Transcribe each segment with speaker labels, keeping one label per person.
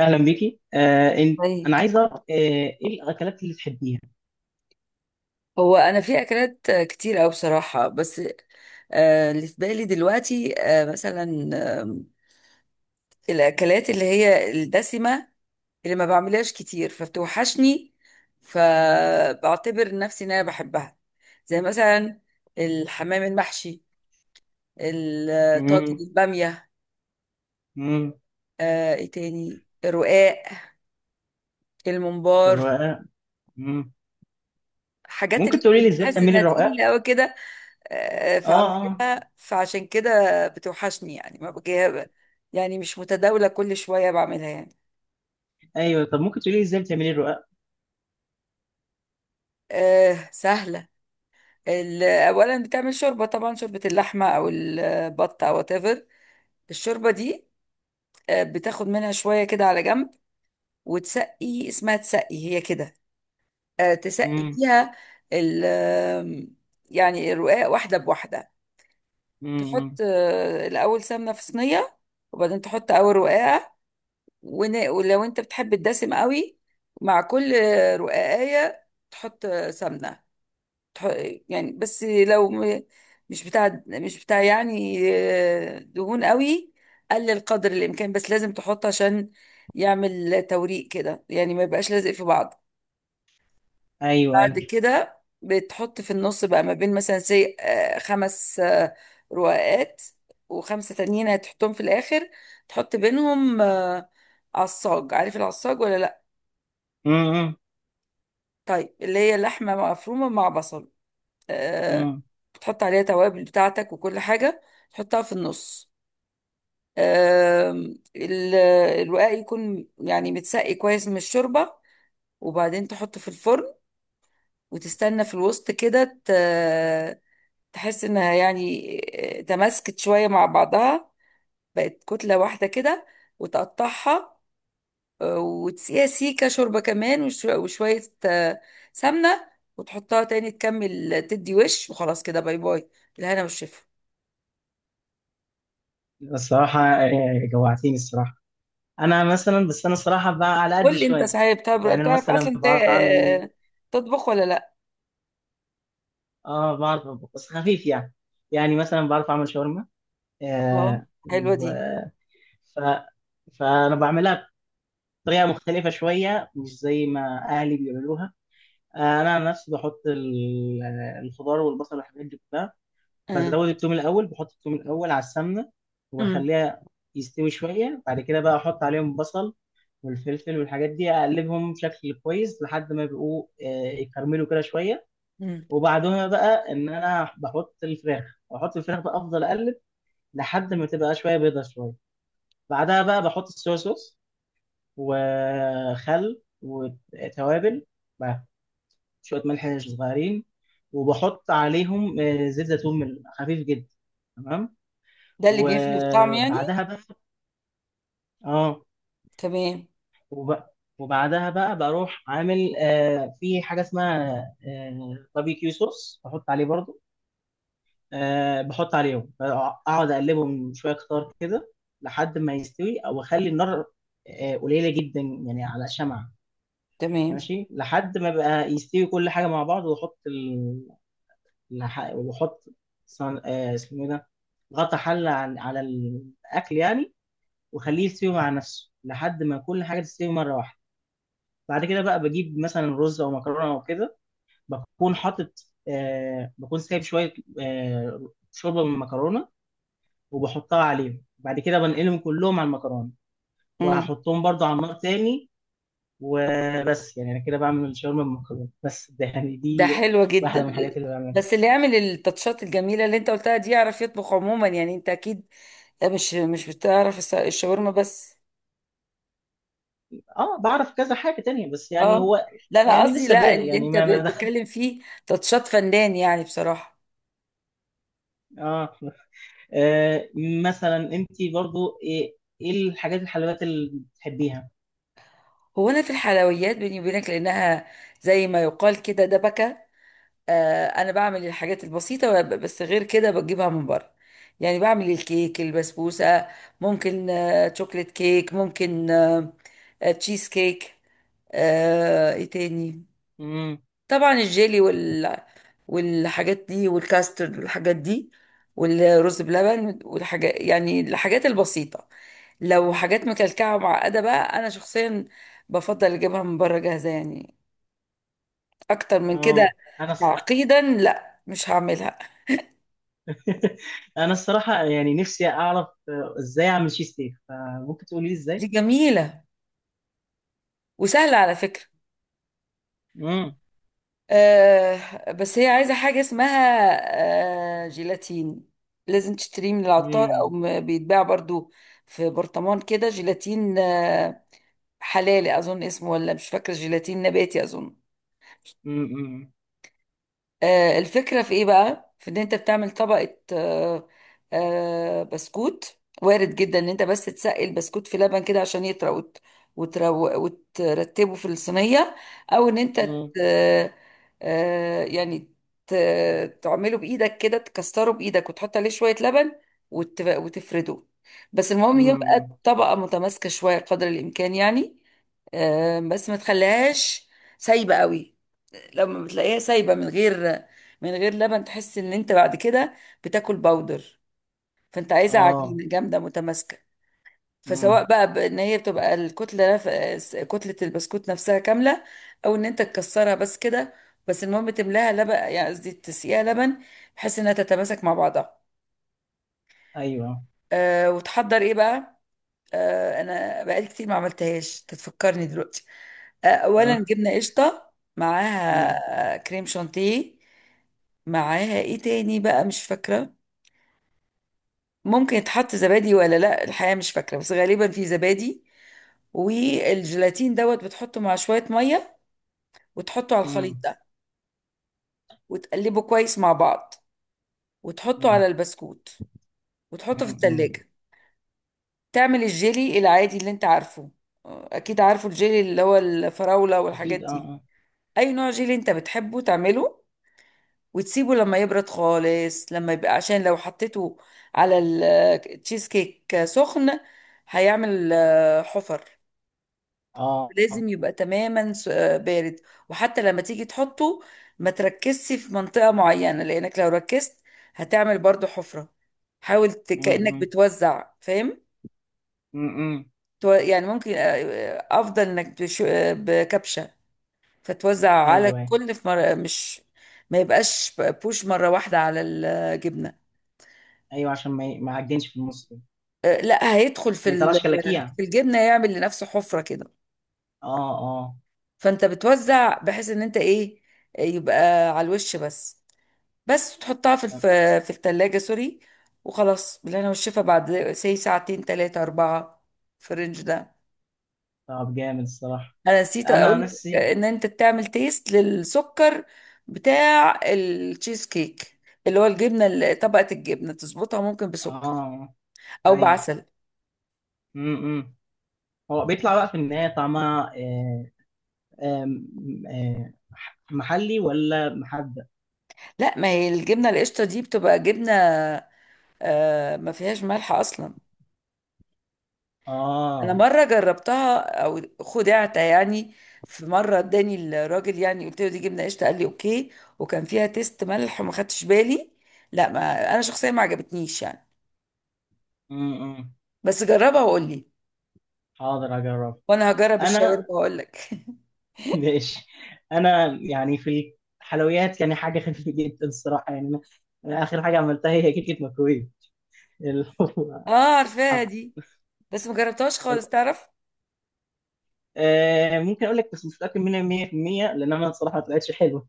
Speaker 1: اهلا بيكي،
Speaker 2: طيب.
Speaker 1: انا عايز اعرف ايه الاكلات اللي بتحبيها؟
Speaker 2: هو انا في اكلات كتير قوي بصراحه. بس اللي في بالي دلوقتي مثلا الاكلات اللي هي الدسمه اللي ما بعملهاش كتير فبتوحشني، فبعتبر نفسي ان انا بحبها. زي مثلا الحمام المحشي، الطاجن،
Speaker 1: امم.
Speaker 2: الباميه.
Speaker 1: امم.
Speaker 2: ايه تاني؟ الرقاق، الممبار،
Speaker 1: الرقاق. امم
Speaker 2: حاجات
Speaker 1: ممكن
Speaker 2: اللي
Speaker 1: تقولي لي ازاي
Speaker 2: بتحس
Speaker 1: بتعملي
Speaker 2: انها
Speaker 1: الرقاق؟
Speaker 2: تقيله قوي كده.
Speaker 1: اه،
Speaker 2: فعم
Speaker 1: اه.
Speaker 2: كده، فعشان كده بتوحشني، يعني ما بجيها، يعني مش متداولة، كل شوية بعملها يعني.
Speaker 1: ايوه، طب ممكن تقولي لي ازاي بتعملي الرقاق؟
Speaker 2: سهلة. أولا بتعمل شوربة، طبعا شوربة اللحمة أو البط أو whatever. الشوربة دي بتاخد منها شوية كده على جنب، وتسقي، اسمها تسقي هي كده، تسقي
Speaker 1: امم.
Speaker 2: بيها ال آم، يعني الرقاق واحدة بواحدة. تحط
Speaker 1: امم.
Speaker 2: الأول سمنة في صينية، وبعدين تحط أول رقاقة. ولو انت بتحب الدسم قوي، مع كل رقاقية تحط سمنة. تح- يعني بس لو مش بتاع يعني دهون قوي، قلل قدر الإمكان. بس لازم تحط عشان يعمل توريق كده، يعني ما يبقاش لازق في بعض.
Speaker 1: ايوه، ايوه.
Speaker 2: بعد كده بتحط في النص بقى ما بين مثلا خمس رقاقات، وخمسة تانيين هتحطهم في الآخر. تحط بينهم عصاج. عارف العصاج ولا لأ؟
Speaker 1: امم.
Speaker 2: طيب، اللي هي اللحمة مفرومة مع بصل. آه
Speaker 1: امم.
Speaker 2: بتحط عليها توابل بتاعتك وكل حاجة، تحطها في النص. آه الوعاء يكون يعني متسقي كويس من الشوربة، وبعدين تحطه في الفرن، وتستنى في الوسط كده. تحس انها يعني تماسكت شوية مع بعضها، بقت كتلة واحدة كده، وتقطعها وتسقيها سيكة شوربة كمان، وشوية سمنة، وتحطها تاني تكمل. تدي وش وخلاص كده، باي باي، الهنا والشفا.
Speaker 1: الصراحه جوعتيني الصراحه. انا مثلا بس انا الصراحه بقى على قد
Speaker 2: قول لي انت،
Speaker 1: شويه.
Speaker 2: صحيح، بتعرف
Speaker 1: يعني انا
Speaker 2: بتعرف
Speaker 1: مثلا
Speaker 2: اصلا
Speaker 1: بعرف اعمل.
Speaker 2: آه، تطبخ ولا لا؟
Speaker 1: اه، بعرف أطبخ، بس خفيف يعني. يعني مثلا بعرف اعمل شاورما
Speaker 2: اه،
Speaker 1: آه
Speaker 2: حلوة
Speaker 1: و...
Speaker 2: دي.
Speaker 1: ف... فانا بعملها طريقة مختلفة شوية مش زي ما أهلي بيعملوها. أنا عن نفسي بحط الخضار والبصل والحاجات دي كلها.
Speaker 2: اه.
Speaker 1: بزود التوم الأول، بحط التوم الأول على السمنة
Speaker 2: امم.
Speaker 1: وبخليها يستوي شوية. بعد كده بقى أحط عليهم بصل والفلفل والحاجات دي، أقلبهم بشكل كويس لحد ما يبقوا يكرملوا كده شوية.
Speaker 2: امم.
Speaker 1: وبعدها بقى إن أنا بحط الفراخ بقى أفضل أقلب لحد ما تبقى شوية بيضة شوية. بعدها بقى بحط الصويا صوص وخل وتوابل مع شوية ملح صغيرين. وبحط عليهم زيت زيتون خفيف جدا. تمام.
Speaker 2: ده اللي بيفرق في الطعم يعني.
Speaker 1: وبعدها بقى اه.
Speaker 2: تمام.
Speaker 1: وب- وبعدها بقى بروح عامل في حاجة اسمها باربيكيو صوص، بحط عليه برضو. بحط عليهم، اقعد اقلبهم شوية كتار كده لحد ما يستوي او اخلي النار قليلة جدا يعني، على شمعة.
Speaker 2: تمام.
Speaker 1: ماشي لحد ما بقى يستوي كل حاجة مع بعض وأحط وأحط اسمه إيه ده، غطا حلة على الأكل يعني، وخليه يستوي مع نفسه لحد ما كل حاجة تستوي مرة واحدة. بعد كده بقى بجيب مثلا رز أو مكرونة أو كده. بكون حاطط بكون سايب شوية شوربة من المكرونة وبحطها عليهم. بعد كده بنقلهم كلهم على المكرونة
Speaker 2: امم.
Speaker 1: وهحطهم برضو على النار تاني. وبس، يعني انا كده بعمل الشاورما بالمكرونه، بس ده يعني
Speaker 2: ده
Speaker 1: دي
Speaker 2: حلوة
Speaker 1: واحده
Speaker 2: جدا.
Speaker 1: من الحاجات اللي بعملها.
Speaker 2: بس اللي يعمل التاتشات الجميلة اللي انت قلتها دي يعرف يطبخ عموما، يعني انت اكيد مش بتعرف الشاورما بس.
Speaker 1: اه، بعرف كذا حاجه تانية، بس يعني
Speaker 2: اه،
Speaker 1: هو
Speaker 2: لا انا
Speaker 1: يعني
Speaker 2: قصدي،
Speaker 1: لسه
Speaker 2: لا،
Speaker 1: بادئ
Speaker 2: اللي
Speaker 1: يعني،
Speaker 2: انت
Speaker 1: ما دخل.
Speaker 2: بتتكلم فيه تاتشات فنان يعني بصراحه.
Speaker 1: اه، آه. مثلا انت برضو ايه الحاجات الحلويات اللي بتحبيها؟
Speaker 2: هو انا في الحلويات، بيني وبينك، لانها زي ما يقال كده دبكه. انا بعمل الحاجات البسيطه، بس غير كده بجيبها من بره. يعني بعمل الكيك، البسبوسه، ممكن شوكليت كيك، ممكن تشيز كيك. ايه تاني؟
Speaker 1: امم
Speaker 2: طبعا الجيلي والحاجات دي، والكاسترد والحاجات دي، والرز بلبن والحاجات، يعني الحاجات البسيطة. لو حاجات مكلكعة ومعقدة بقى، أنا شخصيا بفضل أجيبها من بره جاهزة يعني. أكتر من كده
Speaker 1: اه، انا
Speaker 2: تعقيدا، لا، مش هعملها.
Speaker 1: انا الصراحه يعني نفسي اعرف ازاي اعمل تشيز كيك، فممكن تقولي لي
Speaker 2: دي
Speaker 1: ازاي؟
Speaker 2: جميلة وسهلة على فكرة.
Speaker 1: امم.
Speaker 2: بس هي عايزة حاجة اسمها جيلاتين، لازم تشتريه من العطار أو
Speaker 1: امم.
Speaker 2: بيتباع برضو في برطمان كده، جيلاتين حلالي اظن اسمه، ولا مش فاكره، جيلاتين نباتي اظن.
Speaker 1: امم.
Speaker 2: الفكرة في ايه بقى؟ في ان انت بتعمل طبقة بسكوت. وارد جدا ان انت بس تسقي البسكوت في لبن كده عشان يطرى، وترتبه في الصينية، او ان انت
Speaker 1: امم.
Speaker 2: يعني ت... تعمله بايدك كده، تكسره بايدك وتحط عليه شوية لبن وتفرده. بس المهم يبقى
Speaker 1: امم.
Speaker 2: الطبقة متماسكة شوية قدر الامكان يعني، بس ما تخليهاش سايبة قوي. لما بتلاقيها سايبه من غير، من غير لبن، تحس ان انت بعد كده بتاكل باودر. فانت عايزه
Speaker 1: اه.
Speaker 2: عجينه جامده متماسكه. فسواء
Speaker 1: امم.
Speaker 2: بقى بان هي بتبقى الكتله كتله البسكوت نفسها كامله، او ان انت تكسرها بس كده، بس المهم تملاها لبن، يعني قصدي تسقيها لبن، بحيث انها تتماسك مع بعضها.
Speaker 1: ايوه.
Speaker 2: وتحضر ايه بقى؟ انا بقالي كتير ما عملتهاش، تتفكرني دلوقتي. اولا جبنه قشطه، معاها
Speaker 1: مم.
Speaker 2: كريم شانتيه، معاها ايه تاني بقى؟ مش فاكره. ممكن يتحط زبادي ولا لا، الحقيقه مش فاكره، بس غالبا في زبادي. والجيلاتين دوت بتحطه مع شويه ميه، وتحطه على الخليط
Speaker 1: مم.
Speaker 2: ده، وتقلبه كويس مع بعض، وتحطه
Speaker 1: مم.
Speaker 2: على البسكوت، وتحطه في
Speaker 1: مم. مم.
Speaker 2: التلاجة. تعمل الجيلي العادي اللي انت عارفه. اكيد عارفه الجيلي، اللي هو الفراولة والحاجات
Speaker 1: اكيد، اه،
Speaker 2: دي.
Speaker 1: اه.
Speaker 2: اي نوع جيلي انت بتحبه تعمله، وتسيبه لما يبرد خالص، لما يبقى، عشان لو حطيته على التشيز كيك سخن، هيعمل حفر.
Speaker 1: اه، آه.
Speaker 2: لازم يبقى تماما بارد. وحتى لما تيجي تحطه، ما تركزش في منطقة معينة، لانك لو ركزت هتعمل برضو حفرة. حاول
Speaker 1: مم.
Speaker 2: كأنك
Speaker 1: مم.
Speaker 2: بتوزع، فاهم؟
Speaker 1: مم. مم.
Speaker 2: يعني ممكن افضل انك بكبشة، فتوزع على
Speaker 1: ايوه، ايوه.
Speaker 2: الكل في مرة، مش ما يبقاش بوش مرة واحدة على الجبنة.
Speaker 1: أيوة، عشان ما يعجنش في النص كده.
Speaker 2: لا، هيدخل في
Speaker 1: ما يطلعش كلاكيع.
Speaker 2: في الجبنة، يعمل لنفسه حفرة كده.
Speaker 1: اه، اه.
Speaker 2: فانت بتوزع بحيث ان انت ايه؟ يبقى على الوش بس، بس تحطها في
Speaker 1: طب.
Speaker 2: في التلاجة، سوري. وخلاص، بالهنا والشفا بعد ساعتين تلاتة أربعة، في الرينج ده.
Speaker 1: طب جامد الصراحه.
Speaker 2: انا نسيت
Speaker 1: انا
Speaker 2: اقول
Speaker 1: عن
Speaker 2: لك
Speaker 1: نفسي.
Speaker 2: ان انت تعمل تيست للسكر بتاع التشيز كيك، اللي هو الجبنه، طبقه الجبنه تظبطها ممكن بسكر
Speaker 1: اه،
Speaker 2: او
Speaker 1: ايوه.
Speaker 2: بعسل.
Speaker 1: امم. هو بيطلع بقى في النهايه طعمها آه آه محلي ولا محدق؟
Speaker 2: لا ما هي الجبنه القشطه دي بتبقى جبنه، ما فيهاش ملح اصلا. انا
Speaker 1: اه.
Speaker 2: مره جربتها، او خدعت يعني. في مره اداني الراجل، يعني قلت له دي جبنه قشطه قال لي اوكي، وكان فيها تيست ملح وما خدتش بالي. لا، ما انا شخصيا ما عجبتنيش يعني.
Speaker 1: امم.
Speaker 2: بس جربها وقول لي،
Speaker 1: حاضر اجرب.
Speaker 2: وانا هجرب الشاورما
Speaker 1: انا
Speaker 2: واقول لك.
Speaker 1: ماشي. انا يعني في الحلويات يعني حاجه خفيفه جدا الصراحه، يعني انا اخر حاجه عملتها هي كيكه مكرونه، اللي هو
Speaker 2: اه، عارفاها
Speaker 1: حط-
Speaker 2: دي، بس ما جربتهاش خالص، تعرف.
Speaker 1: ممكن اقول لك، بس مش متاكد منها 100% لان انا الصراحه ما طلعتش حلوه.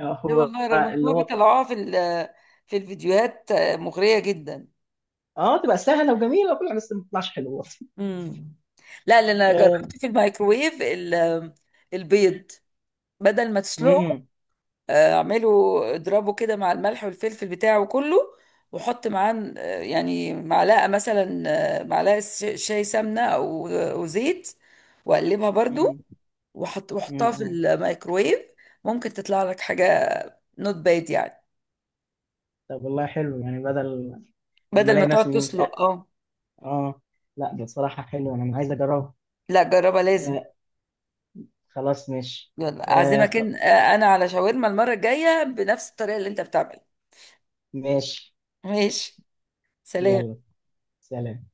Speaker 2: لا
Speaker 1: هو
Speaker 2: والله، رغم ان
Speaker 1: اللي
Speaker 2: هو
Speaker 1: هو
Speaker 2: بيطلعوها في في الفيديوهات مغرية جدا.
Speaker 1: اه، تبقى سهله وجميله وكل حاجة، بس ما تطلعش حلوه.
Speaker 2: امم. لا لا، انا
Speaker 1: آه،
Speaker 2: جربت في الميكروويف البيض، بدل ما تسلقه
Speaker 1: مم،
Speaker 2: اعمله. اضربه كده مع الملح والفلفل بتاعه كله، وحط معاه يعني معلقة مثلا، معلقة شاي سمنة او زيت، واقلبها برضو،
Speaker 1: مم، مم،
Speaker 2: وحطها في
Speaker 1: مم.
Speaker 2: الميكروويف. ممكن تطلع لك حاجة نوت باد يعني،
Speaker 1: طب والله حلو يعني، بدل لما
Speaker 2: بدل ما
Speaker 1: الاقي
Speaker 2: تقعد
Speaker 1: نفسي مش.
Speaker 2: تسلق. اه.
Speaker 1: اه، لا ده الصراحه حلو انا عايز اجربها.
Speaker 2: لا، جربها لازم.
Speaker 1: آه، خلاص ماشي.
Speaker 2: يلا،
Speaker 1: آه،
Speaker 2: اعزمك
Speaker 1: خ-
Speaker 2: انا على شاورما المره الجايه بنفس الطريقه اللي انت بتعملها.
Speaker 1: ماشي.
Speaker 2: ماشي. سلام.
Speaker 1: يلا، سلام.